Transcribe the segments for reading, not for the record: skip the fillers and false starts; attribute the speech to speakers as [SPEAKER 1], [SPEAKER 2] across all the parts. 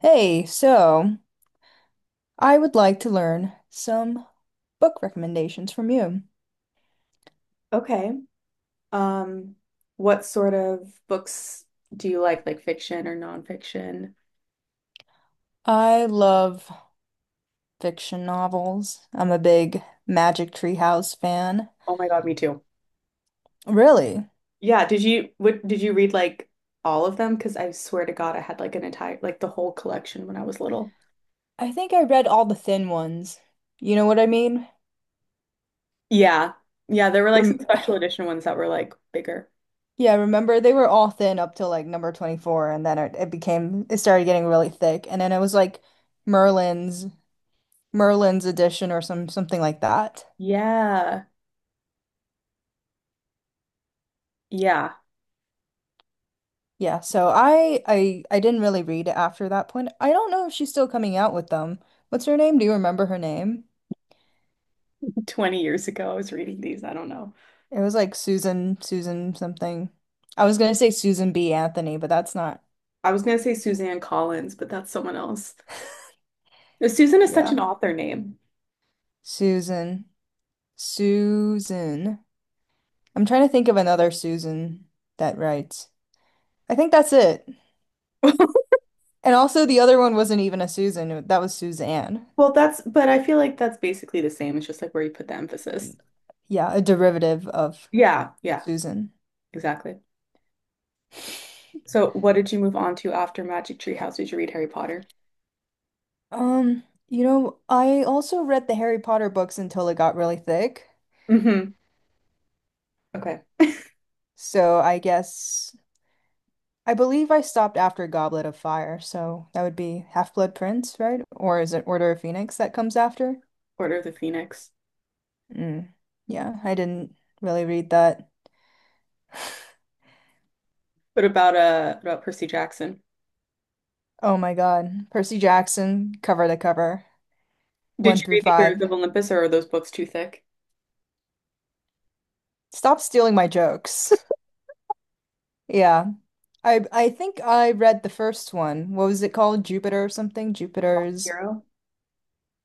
[SPEAKER 1] Hey, so I would like to learn some book recommendations from you.
[SPEAKER 2] Okay. Um, what sort of books do you like fiction or nonfiction?
[SPEAKER 1] I love fiction novels. I'm a big Magic Tree House fan.
[SPEAKER 2] Oh my God, me too.
[SPEAKER 1] Really?
[SPEAKER 2] Yeah, did you what did you read, like all of them? Because I swear to God, I had like an entire, like the whole collection when I was little.
[SPEAKER 1] I think I read all the thin ones. You know what I mean?
[SPEAKER 2] Yeah. Yeah, there were like some
[SPEAKER 1] Rem
[SPEAKER 2] special edition ones that were like bigger.
[SPEAKER 1] Yeah, remember they were all thin up till like number 24, and then it started getting really thick, and then it was like Merlin's Merlin's edition or something like that.
[SPEAKER 2] Yeah. Yeah.
[SPEAKER 1] Yeah, so I didn't really read it after that point. I don't know if she's still coming out with them. What's her name? Do you remember her name?
[SPEAKER 2] 20 years ago, I was reading these. I don't know.
[SPEAKER 1] It was like Susan, something. I was gonna say Susan B. Anthony, but that's not.
[SPEAKER 2] I was gonna say Suzanne Collins, but that's someone else. Susan is such an
[SPEAKER 1] Yeah.
[SPEAKER 2] author name.
[SPEAKER 1] Susan. Susan. I'm trying to think of another Susan that writes. I think that's it. And also the other one wasn't even a Susan, that was Suzanne.
[SPEAKER 2] Well, but I feel like that's basically the same. It's just like where you put the emphasis.
[SPEAKER 1] And yeah, a derivative of
[SPEAKER 2] Yeah, yeah,
[SPEAKER 1] Susan.
[SPEAKER 2] exactly. So, what did you move on to after Magic Tree House? Did you read Harry Potter?
[SPEAKER 1] You know, I also read the Harry Potter books until it got really thick.
[SPEAKER 2] Mm-hmm. Okay.
[SPEAKER 1] So I guess I believe I stopped after Goblet of Fire, so that would be Half-Blood Prince, right? Or is it Order of Phoenix that comes after?
[SPEAKER 2] Order of the Phoenix.
[SPEAKER 1] Mm. Yeah, I didn't really read that.
[SPEAKER 2] What about Percy Jackson?
[SPEAKER 1] Oh my God. Percy Jackson, cover to cover,
[SPEAKER 2] Did
[SPEAKER 1] one
[SPEAKER 2] you
[SPEAKER 1] through
[SPEAKER 2] read The Heroes
[SPEAKER 1] five.
[SPEAKER 2] of Olympus, or are those books too thick?
[SPEAKER 1] Stop stealing my jokes. Yeah. I think I read the first one. What was it called? Jupiter or something?
[SPEAKER 2] Lost
[SPEAKER 1] Jupiter's
[SPEAKER 2] Hero.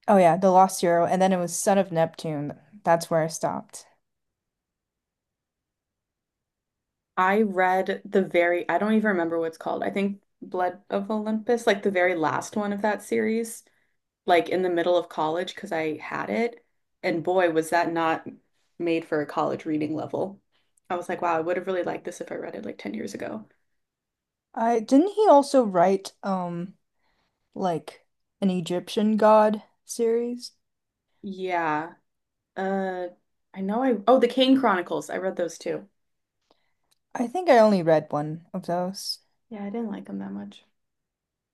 [SPEAKER 1] Oh yeah, The Lost Hero, and then it was Son of Neptune. That's where I stopped.
[SPEAKER 2] I read the very, I don't even remember what it's called. I think Blood of Olympus, like the very last one of that series. Like in the middle of college because I had it. And boy, was that not made for a college reading level. I was like, wow, I would have really liked this if I read it like 10 years ago.
[SPEAKER 1] I didn't He also write like an Egyptian god series?
[SPEAKER 2] Yeah. Uh, I know oh, The Kane Chronicles. I read those too.
[SPEAKER 1] I think I only read one of those.
[SPEAKER 2] Yeah, I didn't like them that much.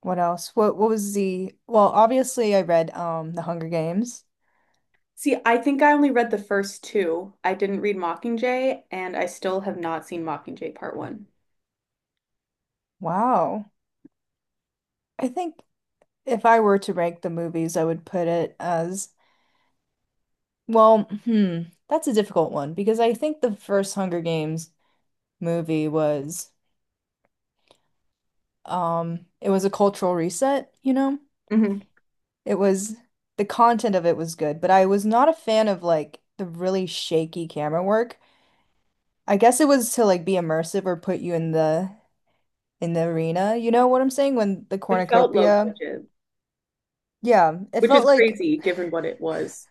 [SPEAKER 1] What else? What was the well, obviously I read The Hunger Games.
[SPEAKER 2] See, I think I only read the first two. I didn't read Mockingjay, and I still have not seen Mockingjay Part One.
[SPEAKER 1] Wow. I think if I were to rank the movies, I would put it as well, that's a difficult one because I think the first Hunger Games movie was it was a cultural reset, you know?
[SPEAKER 2] Hmm.
[SPEAKER 1] It was The content of it was good, but I was not a fan of like the really shaky camera work. I guess it was to like be immersive or put you in the arena. You know what I'm saying? When the
[SPEAKER 2] It felt low
[SPEAKER 1] cornucopia,
[SPEAKER 2] budget,
[SPEAKER 1] yeah, it
[SPEAKER 2] which is
[SPEAKER 1] felt like
[SPEAKER 2] crazy given what it was.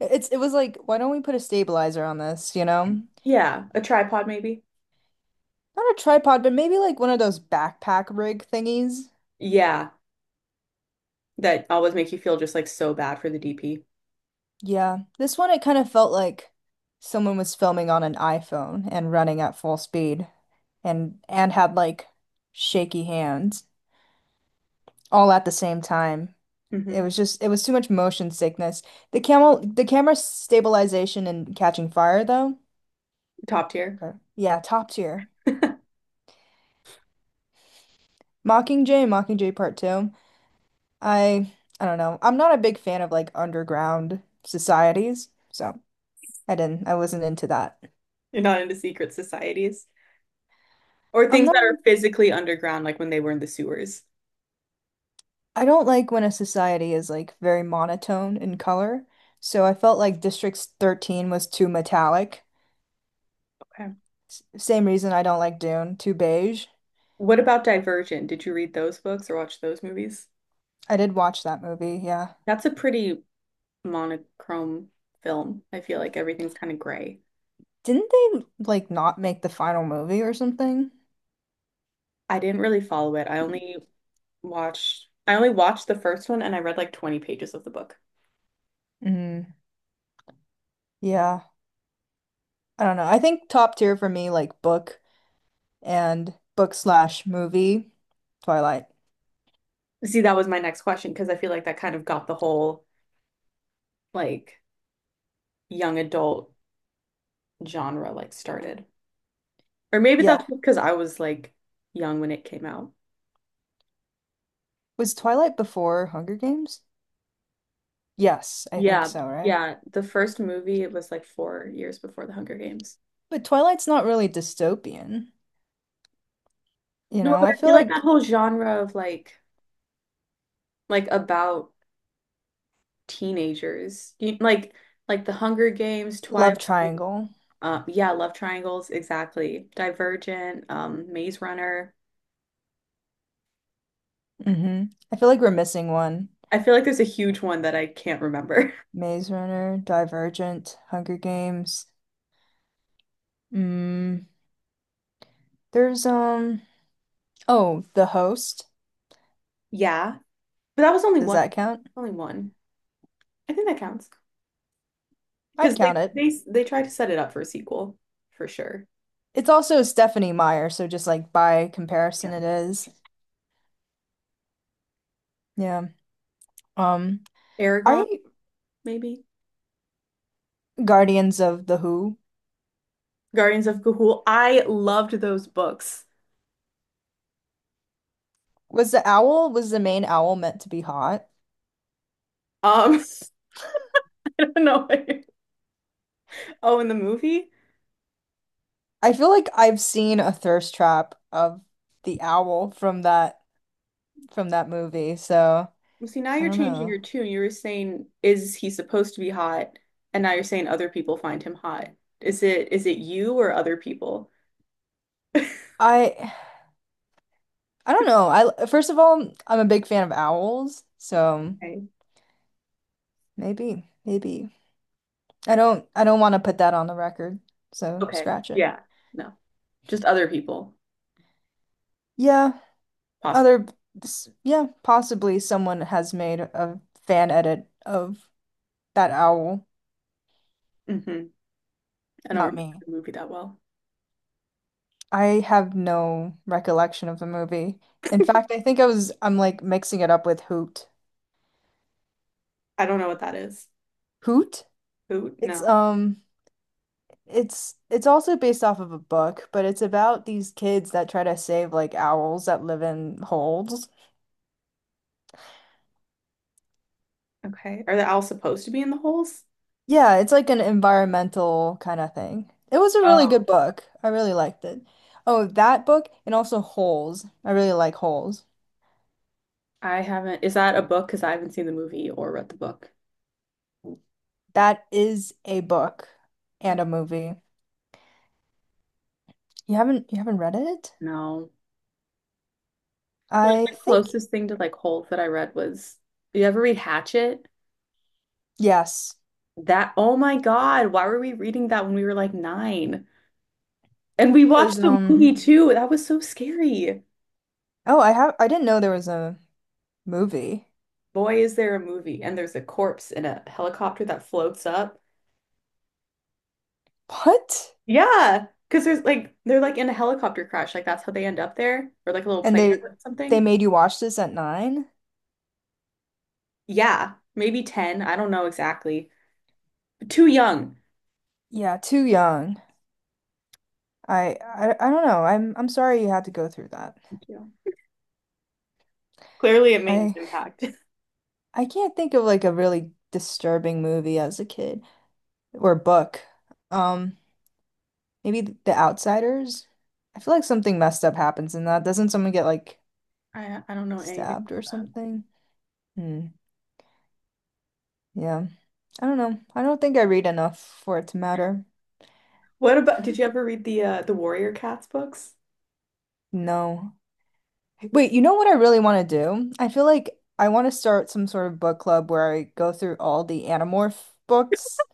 [SPEAKER 1] it was like, why don't we put a stabilizer on this, you know?
[SPEAKER 2] Yeah, a tripod maybe.
[SPEAKER 1] Not a tripod, but maybe like one of those backpack rig thingies.
[SPEAKER 2] Yeah. That always make you feel just like so bad for the DP.
[SPEAKER 1] Yeah. This one it kind of felt like someone was filming on an iPhone and running at full speed, and had like shaky hands, all at the same time.
[SPEAKER 2] Hmm.
[SPEAKER 1] It was too much motion sickness. The camera stabilization and catching fire though.
[SPEAKER 2] Top tier.
[SPEAKER 1] Okay. Yeah, top tier.
[SPEAKER 2] You're
[SPEAKER 1] Mockingjay, Mockingjay Part 2. I I don't know. I'm not a big fan of like underground societies, so I wasn't into that.
[SPEAKER 2] Not into secret societies or
[SPEAKER 1] I'm
[SPEAKER 2] things that
[SPEAKER 1] not
[SPEAKER 2] are
[SPEAKER 1] in,
[SPEAKER 2] physically underground, like when they were in the sewers.
[SPEAKER 1] I don't like when a society is like very monotone in color. So I felt like District 13 was too metallic.
[SPEAKER 2] Okay.
[SPEAKER 1] Same reason I don't like Dune, too beige.
[SPEAKER 2] What about Divergent? Did you read those books or watch those movies?
[SPEAKER 1] I did watch that movie, yeah.
[SPEAKER 2] That's a pretty monochrome film. I feel like everything's kind of gray.
[SPEAKER 1] Didn't they like not make the final movie or something?
[SPEAKER 2] I didn't really follow it. I only watched the first one, and I read like 20 pages of the book.
[SPEAKER 1] Mm, yeah, I don't know. I think top tier for me, like book and book slash movie, Twilight.
[SPEAKER 2] See, that was my next question because I feel like that kind of got the whole, like, young adult genre like started. Or maybe
[SPEAKER 1] Yeah.
[SPEAKER 2] that's because I was like young when it came out.
[SPEAKER 1] Was Twilight before Hunger Games? Yes, I think
[SPEAKER 2] Yeah,
[SPEAKER 1] so, right?
[SPEAKER 2] yeah. The first movie, it was like 4 years before The Hunger Games.
[SPEAKER 1] But Twilight's not really dystopian. You
[SPEAKER 2] No,
[SPEAKER 1] know,
[SPEAKER 2] but
[SPEAKER 1] I
[SPEAKER 2] I
[SPEAKER 1] feel
[SPEAKER 2] feel like that
[SPEAKER 1] like
[SPEAKER 2] whole genre of like about teenagers, like The Hunger Games,
[SPEAKER 1] love
[SPEAKER 2] Twilight,
[SPEAKER 1] triangle.
[SPEAKER 2] yeah, love triangles, exactly. Divergent, Maze Runner.
[SPEAKER 1] Hmm. I feel like we're missing one.
[SPEAKER 2] I feel like there's a huge one that I can't remember.
[SPEAKER 1] Maze Runner, Divergent, Hunger Games. Mm, there's oh, The Host.
[SPEAKER 2] Yeah, but that was only
[SPEAKER 1] Does
[SPEAKER 2] one,
[SPEAKER 1] that count?
[SPEAKER 2] only one. I think that counts. Because
[SPEAKER 1] I'd
[SPEAKER 2] they
[SPEAKER 1] count it.
[SPEAKER 2] they they try to set it up for a sequel for sure.
[SPEAKER 1] It's also Stephanie Meyer, so just like by
[SPEAKER 2] Yeah.
[SPEAKER 1] comparison, it is. Yeah. Um, are
[SPEAKER 2] Aragon,
[SPEAKER 1] you
[SPEAKER 2] maybe.
[SPEAKER 1] Guardians of the Who?
[SPEAKER 2] Guardians of Gahul. I loved those books.
[SPEAKER 1] Was the owl, was the main owl meant to be hot?
[SPEAKER 2] Um, no. Way. Oh, in the movie?
[SPEAKER 1] I feel like I've seen a thirst trap of the owl from that movie, so
[SPEAKER 2] Well, see, now
[SPEAKER 1] I
[SPEAKER 2] you're
[SPEAKER 1] don't
[SPEAKER 2] changing your
[SPEAKER 1] know.
[SPEAKER 2] tune. You were saying, is he supposed to be hot? And now you're saying other people find him hot. Is it you or other people?
[SPEAKER 1] I I don't know. I first of all, I'm a big fan of owls, so
[SPEAKER 2] Okay.
[SPEAKER 1] maybe, maybe. I don't want to put that on the record, so
[SPEAKER 2] Okay.
[SPEAKER 1] scratch it.
[SPEAKER 2] Yeah. No. Just other people.
[SPEAKER 1] Yeah.
[SPEAKER 2] Possible.
[SPEAKER 1] Other, yeah, possibly someone has made a fan edit of that owl,
[SPEAKER 2] Hmm. I don't
[SPEAKER 1] not
[SPEAKER 2] remember
[SPEAKER 1] me.
[SPEAKER 2] the movie that well.
[SPEAKER 1] I have no recollection of the movie. In fact, I think I was I'm like mixing it up with Hoot.
[SPEAKER 2] I don't know what that is.
[SPEAKER 1] Hoot?
[SPEAKER 2] Who?
[SPEAKER 1] It's
[SPEAKER 2] No.
[SPEAKER 1] um it's also based off of a book, but it's about these kids that try to save like owls that live in holes.
[SPEAKER 2] Okay. Are they all supposed to be in the holes?
[SPEAKER 1] Yeah, it's like an environmental kind of thing. It was a really good
[SPEAKER 2] Oh,
[SPEAKER 1] book. I really liked it. Oh, that book and also Holes. I really like Holes.
[SPEAKER 2] I haven't. Is that a book? Because I haven't seen the movie or read the book.
[SPEAKER 1] That is a book
[SPEAKER 2] I,
[SPEAKER 1] and a movie. You haven't read it?
[SPEAKER 2] no. I feel like
[SPEAKER 1] I
[SPEAKER 2] the
[SPEAKER 1] think
[SPEAKER 2] closest thing to like holes that I read was, you ever read Hatchet?
[SPEAKER 1] yes.
[SPEAKER 2] That, oh my God, why were we reading that when we were like nine? And we
[SPEAKER 1] Cause
[SPEAKER 2] watched the
[SPEAKER 1] um
[SPEAKER 2] movie too. That was so scary.
[SPEAKER 1] Oh, I have I didn't know there was a movie.
[SPEAKER 2] Boy, is there a movie. And there's a corpse in a helicopter that floats up.
[SPEAKER 1] What?
[SPEAKER 2] Yeah. Because there's like, they're like in a helicopter crash. Like that's how they end up there, or like a little
[SPEAKER 1] And
[SPEAKER 2] plane or
[SPEAKER 1] they
[SPEAKER 2] something.
[SPEAKER 1] made you watch this at nine?
[SPEAKER 2] Yeah, maybe 10. I don't know exactly. But too young.
[SPEAKER 1] Yeah, too young. I don't know. I'm sorry you had to go through that.
[SPEAKER 2] Thank you. Clearly, it made an
[SPEAKER 1] I.
[SPEAKER 2] impact.
[SPEAKER 1] I can't think of like a really disturbing movie as a kid or book. Um, Maybe The Outsiders. I feel like something messed up happens in that. Doesn't someone get like
[SPEAKER 2] I don't know anything
[SPEAKER 1] stabbed or
[SPEAKER 2] about that.
[SPEAKER 1] something? Hmm. Yeah. I don't know. I don't think I read enough for it to matter.
[SPEAKER 2] What about, did you ever read the Warrior Cats books?
[SPEAKER 1] No. Wait, you know what I really want to do? I feel like I want to start some sort of book club where I go through all the Animorph
[SPEAKER 2] That.
[SPEAKER 1] books.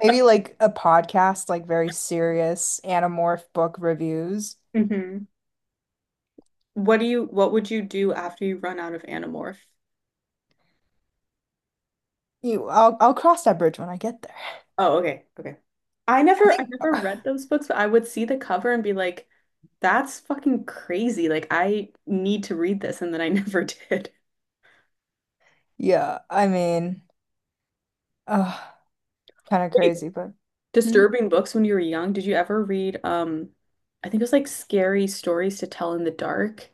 [SPEAKER 1] Maybe like a podcast, like very serious Animorph book reviews.
[SPEAKER 2] Hmm. What do you what would you do after you run out of Animorph?
[SPEAKER 1] You, I'll cross that bridge when I get there.
[SPEAKER 2] Oh, okay, okay.
[SPEAKER 1] I
[SPEAKER 2] I
[SPEAKER 1] think,
[SPEAKER 2] never read those books, but I would see the cover and be like, that's fucking crazy. Like I need to read this, and then I never did.
[SPEAKER 1] yeah, I mean, uh, kind of
[SPEAKER 2] Wait,
[SPEAKER 1] crazy, but hmm?
[SPEAKER 2] disturbing books when you were young. Did you ever read I think it was like scary stories to tell in the dark,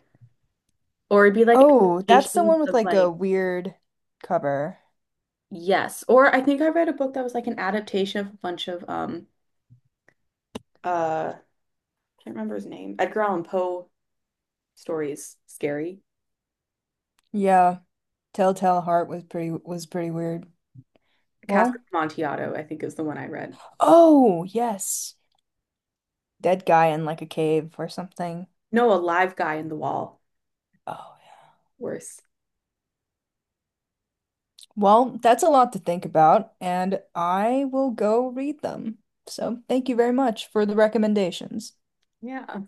[SPEAKER 2] or it'd be like
[SPEAKER 1] Oh, that's the
[SPEAKER 2] adaptations
[SPEAKER 1] one with
[SPEAKER 2] of
[SPEAKER 1] like a
[SPEAKER 2] like,
[SPEAKER 1] weird cover.
[SPEAKER 2] yes, or I think I read a book that was like an adaptation of a bunch of I can't remember his name. Edgar Allan Poe stories. Scary.
[SPEAKER 1] Yeah, Telltale Heart was pretty weird.
[SPEAKER 2] Cask of
[SPEAKER 1] Well,
[SPEAKER 2] Amontillado, I think is the one I read.
[SPEAKER 1] oh, yes. Dead guy in like a cave or something.
[SPEAKER 2] No, a live guy in the wall.
[SPEAKER 1] Oh, yeah.
[SPEAKER 2] Worse.
[SPEAKER 1] Well, that's a lot to think about, and I will go read them. So, thank you very much for the recommendations.
[SPEAKER 2] Yeah.